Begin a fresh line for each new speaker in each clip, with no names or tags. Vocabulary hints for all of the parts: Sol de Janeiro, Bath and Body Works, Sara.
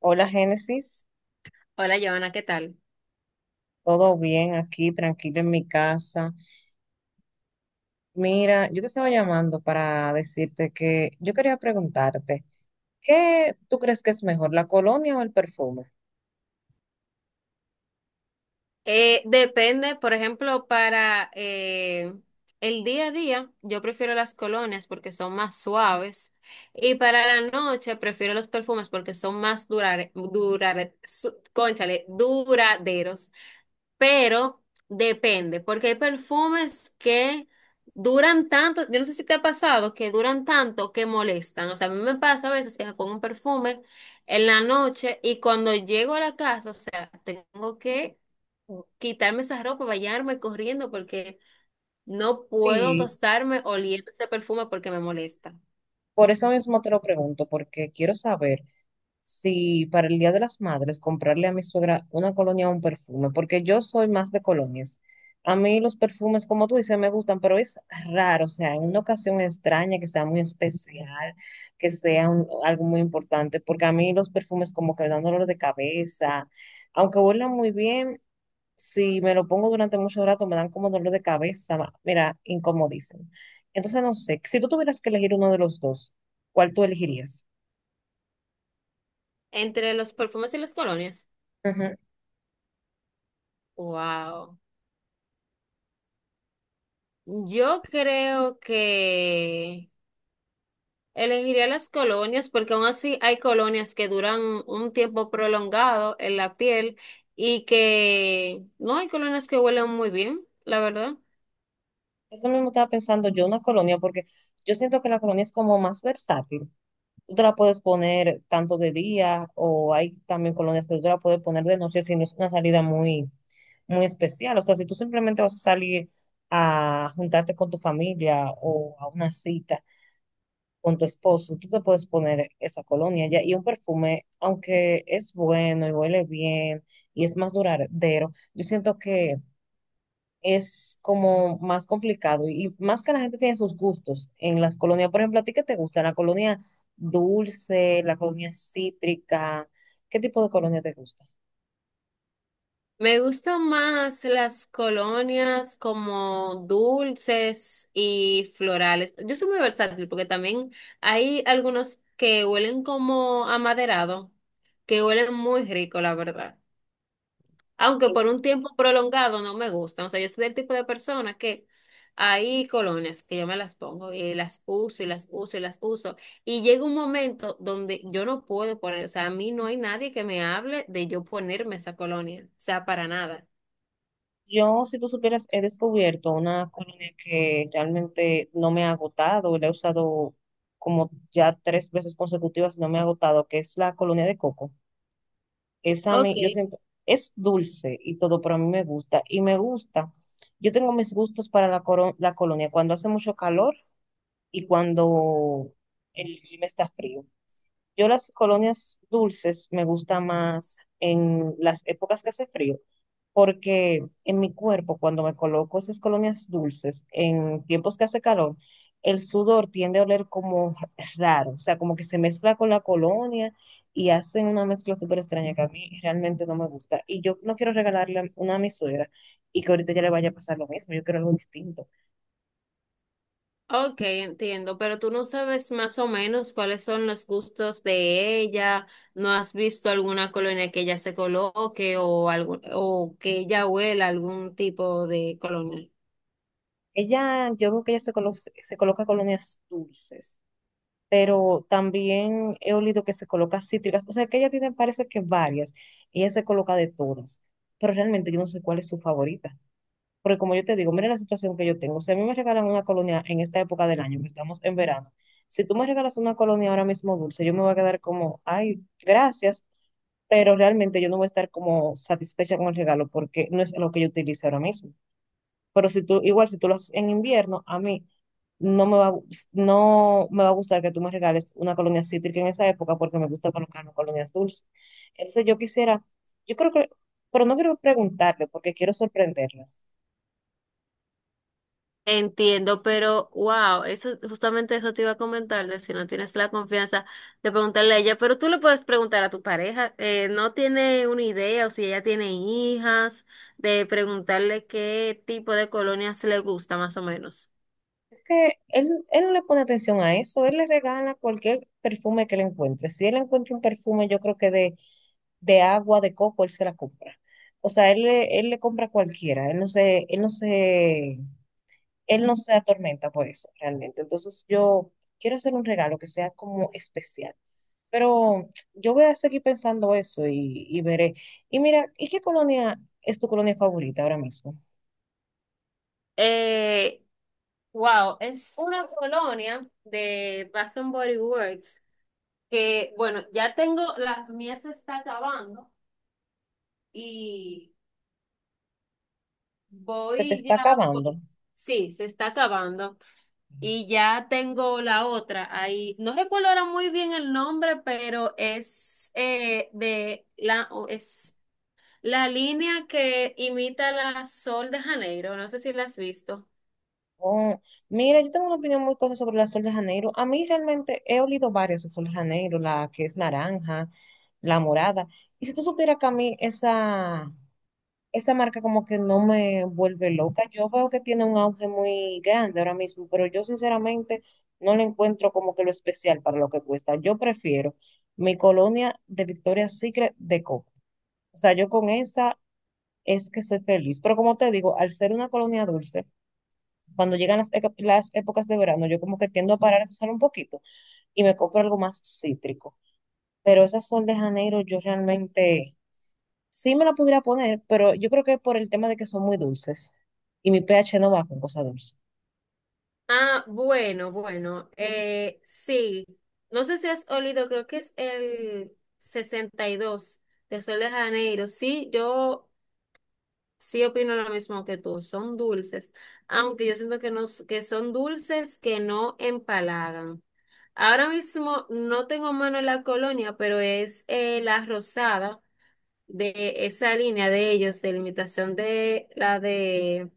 Hola Génesis,
Hola, Joana, ¿qué tal?
todo bien aquí, tranquilo en mi casa. Mira, yo te estaba llamando para decirte que yo quería preguntarte, ¿qué tú crees que es mejor, la colonia o el perfume?
Depende, por ejemplo, para el día a día, yo prefiero las colonias porque son más suaves y para la noche prefiero los perfumes porque son más cónchale, duraderos. Pero depende, porque hay perfumes que duran tanto, yo no sé si te ha pasado, que duran tanto que molestan. O sea, a mí me pasa a veces que me pongo un perfume en la noche y cuando llego a la casa, o sea, tengo que quitarme esa ropa, bañarme corriendo porque no puedo
Sí,
tostarme oliendo ese perfume porque me molesta.
por eso mismo te lo pregunto, porque quiero saber si para el Día de las Madres comprarle a mi suegra una colonia o un perfume, porque yo soy más de colonias. A mí los perfumes, como tú dices, me gustan, pero es raro, o sea, en una ocasión extraña, que sea muy especial, algo muy importante, porque a mí los perfumes como que me dan dolor de cabeza, aunque huelan muy bien, si me lo pongo durante mucho rato me dan como dolor de cabeza, mira, incomodísimo. Entonces, no sé, si tú tuvieras que elegir uno de los dos, ¿cuál tú elegirías?
Entre los perfumes y las colonias. Wow. Yo creo que elegiría las colonias porque aún así hay colonias que duran un tiempo prolongado en la piel y que no hay colonias que huelen muy bien, la verdad.
Eso mismo estaba pensando yo, una colonia, porque yo siento que la colonia es como más versátil. Tú te la puedes poner tanto de día o hay también colonias que tú te la puedes poner de noche si no es una salida muy, muy especial. O sea, si tú simplemente vas a salir a juntarte con tu familia o a una cita con tu esposo, tú te puedes poner esa colonia ya. Y un perfume, aunque es bueno y huele bien y es más duradero, yo siento que es como más complicado y más que la gente tiene sus gustos en las colonias. Por ejemplo, ¿a ti qué te gusta? ¿La colonia dulce, la colonia cítrica? ¿Qué tipo de colonia te gusta?
Me gustan más las colonias como dulces y florales. Yo soy muy versátil porque también hay algunos que huelen como amaderado, que huelen muy rico, la verdad. Aunque por un tiempo prolongado no me gustan. O sea, yo soy del tipo de persona que hay colonias que yo me las pongo y las uso y las uso y las uso. Y llega un momento donde yo no puedo poner, o sea, a mí no hay nadie que me hable de yo ponerme esa colonia, o sea, para nada.
Yo, si tú supieras, he descubierto una colonia que realmente no me ha agotado, la he usado como ya tres veces consecutivas y no me ha agotado, que es la colonia de Coco. Esa a
Ok.
mí, yo siento, es dulce y todo, pero a mí me gusta. Y me gusta. Yo tengo mis gustos para la colonia cuando hace mucho calor y cuando el clima está frío. Yo las colonias dulces me gusta más en las épocas que hace frío, porque en mi cuerpo, cuando me coloco esas colonias dulces, en tiempos que hace calor, el sudor tiende a oler como raro, o sea, como que se mezcla con la colonia y hacen una mezcla súper extraña que a mí realmente no me gusta. Y yo no quiero regalarle una a mi suegra y que ahorita ya le vaya a pasar lo mismo, yo quiero algo distinto.
Ok, entiendo, pero tú no sabes más o menos cuáles son los gustos de ella, no has visto alguna colonia que ella se coloque o algo, o que ella huela algún tipo de colonia.
Ella, yo veo que ella se coloca colonias dulces, pero también he olido que se coloca cítricas, o sea que ella tiene, parece que varias, y ella se coloca de todas, pero realmente yo no sé cuál es su favorita, porque como yo te digo, mira la situación que yo tengo, si a mí me regalan una colonia en esta época del año, que estamos en verano, si tú me regalas una colonia ahora mismo dulce, yo me voy a quedar como, ay, gracias, pero realmente yo no voy a estar como satisfecha con el regalo porque no es lo que yo utilice ahora mismo. Pero si tú, igual si tú lo haces en invierno, a mí no me va, a gus- no me va a gustar que tú me regales una colonia cítrica en esa época porque me gusta colocarme colonias dulces. Entonces yo quisiera, yo creo que, pero no quiero preguntarle porque quiero sorprenderlo.
Entiendo, pero wow, eso justamente eso te iba a comentar, de si no tienes la confianza de preguntarle a ella, pero tú le puedes preguntar a tu pareja, no tiene una idea o si ella tiene hijas, de preguntarle qué tipo de colonias le gusta más o menos.
Es que él no le pone atención a eso, él le regala cualquier perfume que le encuentre. Si él encuentra un perfume, yo creo que de agua, de coco, él se la compra. O sea, él le compra cualquiera, él no se, él no se él no se atormenta por eso realmente. Entonces yo quiero hacer un regalo que sea como especial. Pero yo voy a seguir pensando eso y veré. Y mira, ¿y qué colonia es tu colonia favorita ahora mismo?
Eh, wow, es una colonia de Bath and Body Works que, bueno, ya tengo, las mías se está acabando y
Se te
voy
está
ya por-
acabando.
sí, se está acabando. Y ya tengo la otra ahí. No recuerdo ahora muy bien el nombre, pero es de la o es la línea que imita la Sol de Janeiro. No sé si la has visto.
Oh, mira, yo tengo una opinión muy cosa sobre la Sol de Janeiro. A mí realmente he olido varias de Sol de Janeiro, la que es naranja, la morada. Y si tú supieras que a mí esa marca como que no me vuelve loca. Yo veo que tiene un auge muy grande ahora mismo, pero yo sinceramente no le encuentro como que lo especial para lo que cuesta. Yo prefiero mi colonia de Victoria's Secret de coco. O sea, yo con esa es que soy feliz. Pero como te digo, al ser una colonia dulce, cuando llegan las épocas de verano, yo como que tiendo a parar de usar un poquito y me compro algo más cítrico. Pero esas Sol de Janeiro, yo realmente sí me la pudiera poner, pero yo creo que por el tema de que son muy dulces y mi pH no va con cosas dulces.
Ah, bueno, bueno. Sí. No sé si has olido, creo que es el 62 de Sol de Janeiro. Sí opino lo mismo que tú, son dulces, aunque yo siento que, no, s- que son dulces que no empalagan. Ahora mismo no tengo a mano la colonia, pero es la rosada de esa línea de ellos, de limitación de la de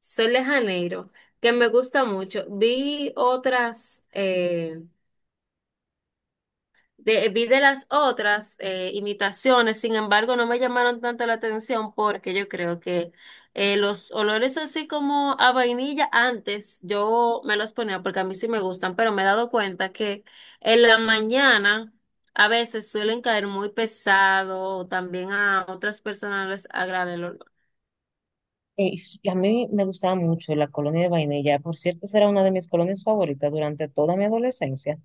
Sol de Janeiro, que me gusta mucho. Vi otras, vi de las otras imitaciones, sin embargo, no me llamaron tanto la atención porque yo creo que los olores así como a vainilla antes yo me los ponía porque a mí sí me gustan, pero me he dado cuenta que en la mañana a veces suelen caer muy pesado o también a otras personas les agrada el olor.
Y a mí me gustaba mucho la colonia de vainilla. Por cierto, esa era una de mis colonias favoritas durante toda mi adolescencia.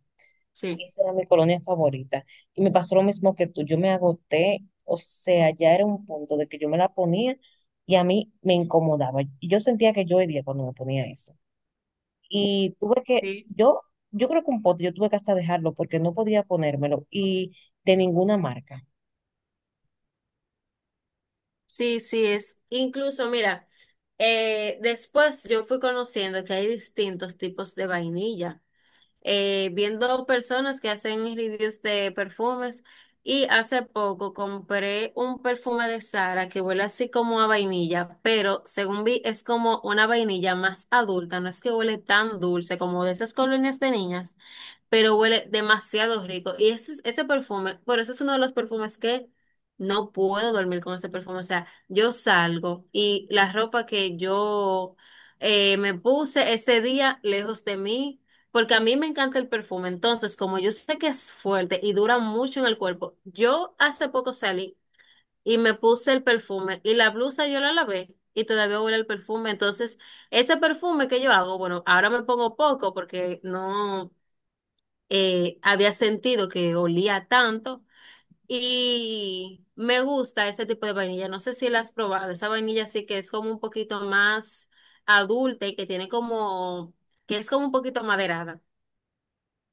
Sí.
Esa era mi colonia favorita. Y me pasó lo mismo que tú. Yo me agoté, o sea, ya era un punto de que yo me la ponía y a mí me incomodaba. Y yo sentía que yo hería cuando me ponía eso. Y tuve que,
Sí.
yo, creo que un pote, yo tuve que hasta dejarlo porque no podía ponérmelo y de ninguna marca.
Sí, es. Incluso, mira, después yo fui conociendo que hay distintos tipos de vainilla. Viendo personas que hacen reviews de perfumes y hace poco compré un perfume de Sara que huele así como a vainilla, pero según vi es como una vainilla más adulta, no es que huele tan dulce como de esas colonias de niñas, pero huele demasiado rico. Y ese, ese perfume, bueno, ese es uno de los perfumes que no puedo dormir con ese perfume. O sea, yo salgo y la ropa que yo me puse ese día lejos de mí, porque a mí me encanta el perfume. Entonces, como yo sé que es fuerte y dura mucho en el cuerpo, yo hace poco salí y me puse el perfume y la blusa yo la lavé. Y todavía huele el perfume. Entonces, ese perfume que yo hago, bueno, ahora me pongo poco porque no, había sentido que olía tanto y me gusta ese tipo de vainilla. No sé si la has probado. Esa vainilla sí que es como un poquito más adulta y que tiene como, que es como un poquito maderada.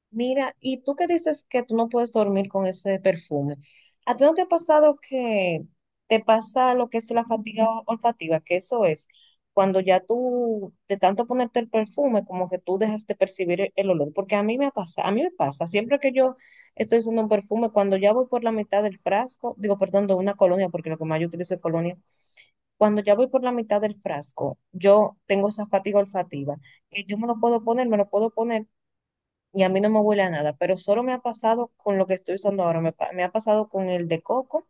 Mira, y tú que dices que tú no puedes dormir con ese perfume, ¿a ti no te ha pasado que te pasa lo que es la olfativa? Que eso es cuando ya tú, de tanto ponerte el perfume, como que tú dejas de percibir el olor. Porque a mí me pasa, a mí me pasa, siempre que yo estoy usando un perfume, cuando ya voy por la mitad del frasco, digo, perdón, de una colonia, porque lo que más yo utilizo es colonia, cuando ya voy por la mitad del frasco, yo tengo esa fatiga olfativa, que yo me lo puedo poner, me lo puedo poner y a mí no me huele a nada, pero solo me ha pasado con lo que estoy usando ahora. Me ha pasado con el de coco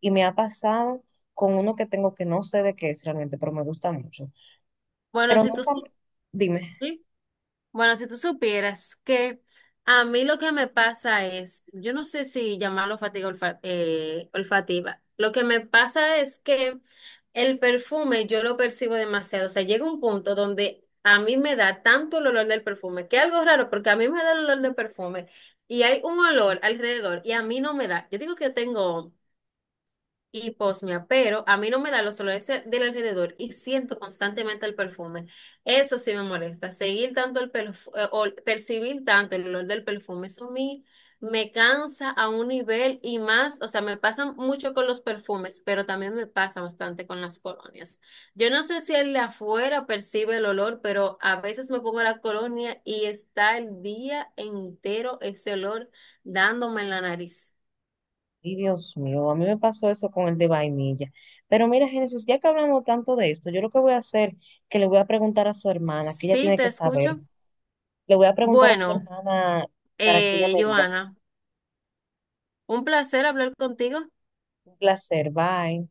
y me ha pasado con uno que tengo que no sé de qué es realmente, pero me gusta mucho.
Bueno,
Pero
si tú
nunca,
sí.
dime,
Sí. Bueno, si tú supieras que a mí lo que me pasa es, yo no sé si llamarlo olfativa, lo que me pasa es que el perfume yo lo percibo demasiado, o sea, llega un punto donde a mí me da tanto el olor del perfume, que es algo raro, porque a mí me da el olor del perfume y hay un olor alrededor y a mí no me da. Yo digo que yo tengo y posmia, pero a mí no me da los olores del alrededor y siento constantemente el perfume. Eso sí me molesta. Seguir tanto el percibir tanto el olor del perfume, eso a mí me cansa a un nivel y más, o sea, me pasa mucho con los perfumes, pero también me pasa bastante con las colonias. Yo no sé si el de afuera percibe el olor, pero a veces me pongo la colonia y está el día entero ese olor dándome en la nariz.
y Dios mío, a mí me pasó eso con el de vainilla. Pero mira, Génesis, ya que hablamos tanto de esto, yo lo que voy a hacer, que le voy a preguntar a su hermana, que ella
Sí,
tiene
te
que saber.
escucho.
Le voy a preguntar a su
Bueno.
hermana para que ella me diga.
Joana, un placer hablar contigo.
Un placer, bye.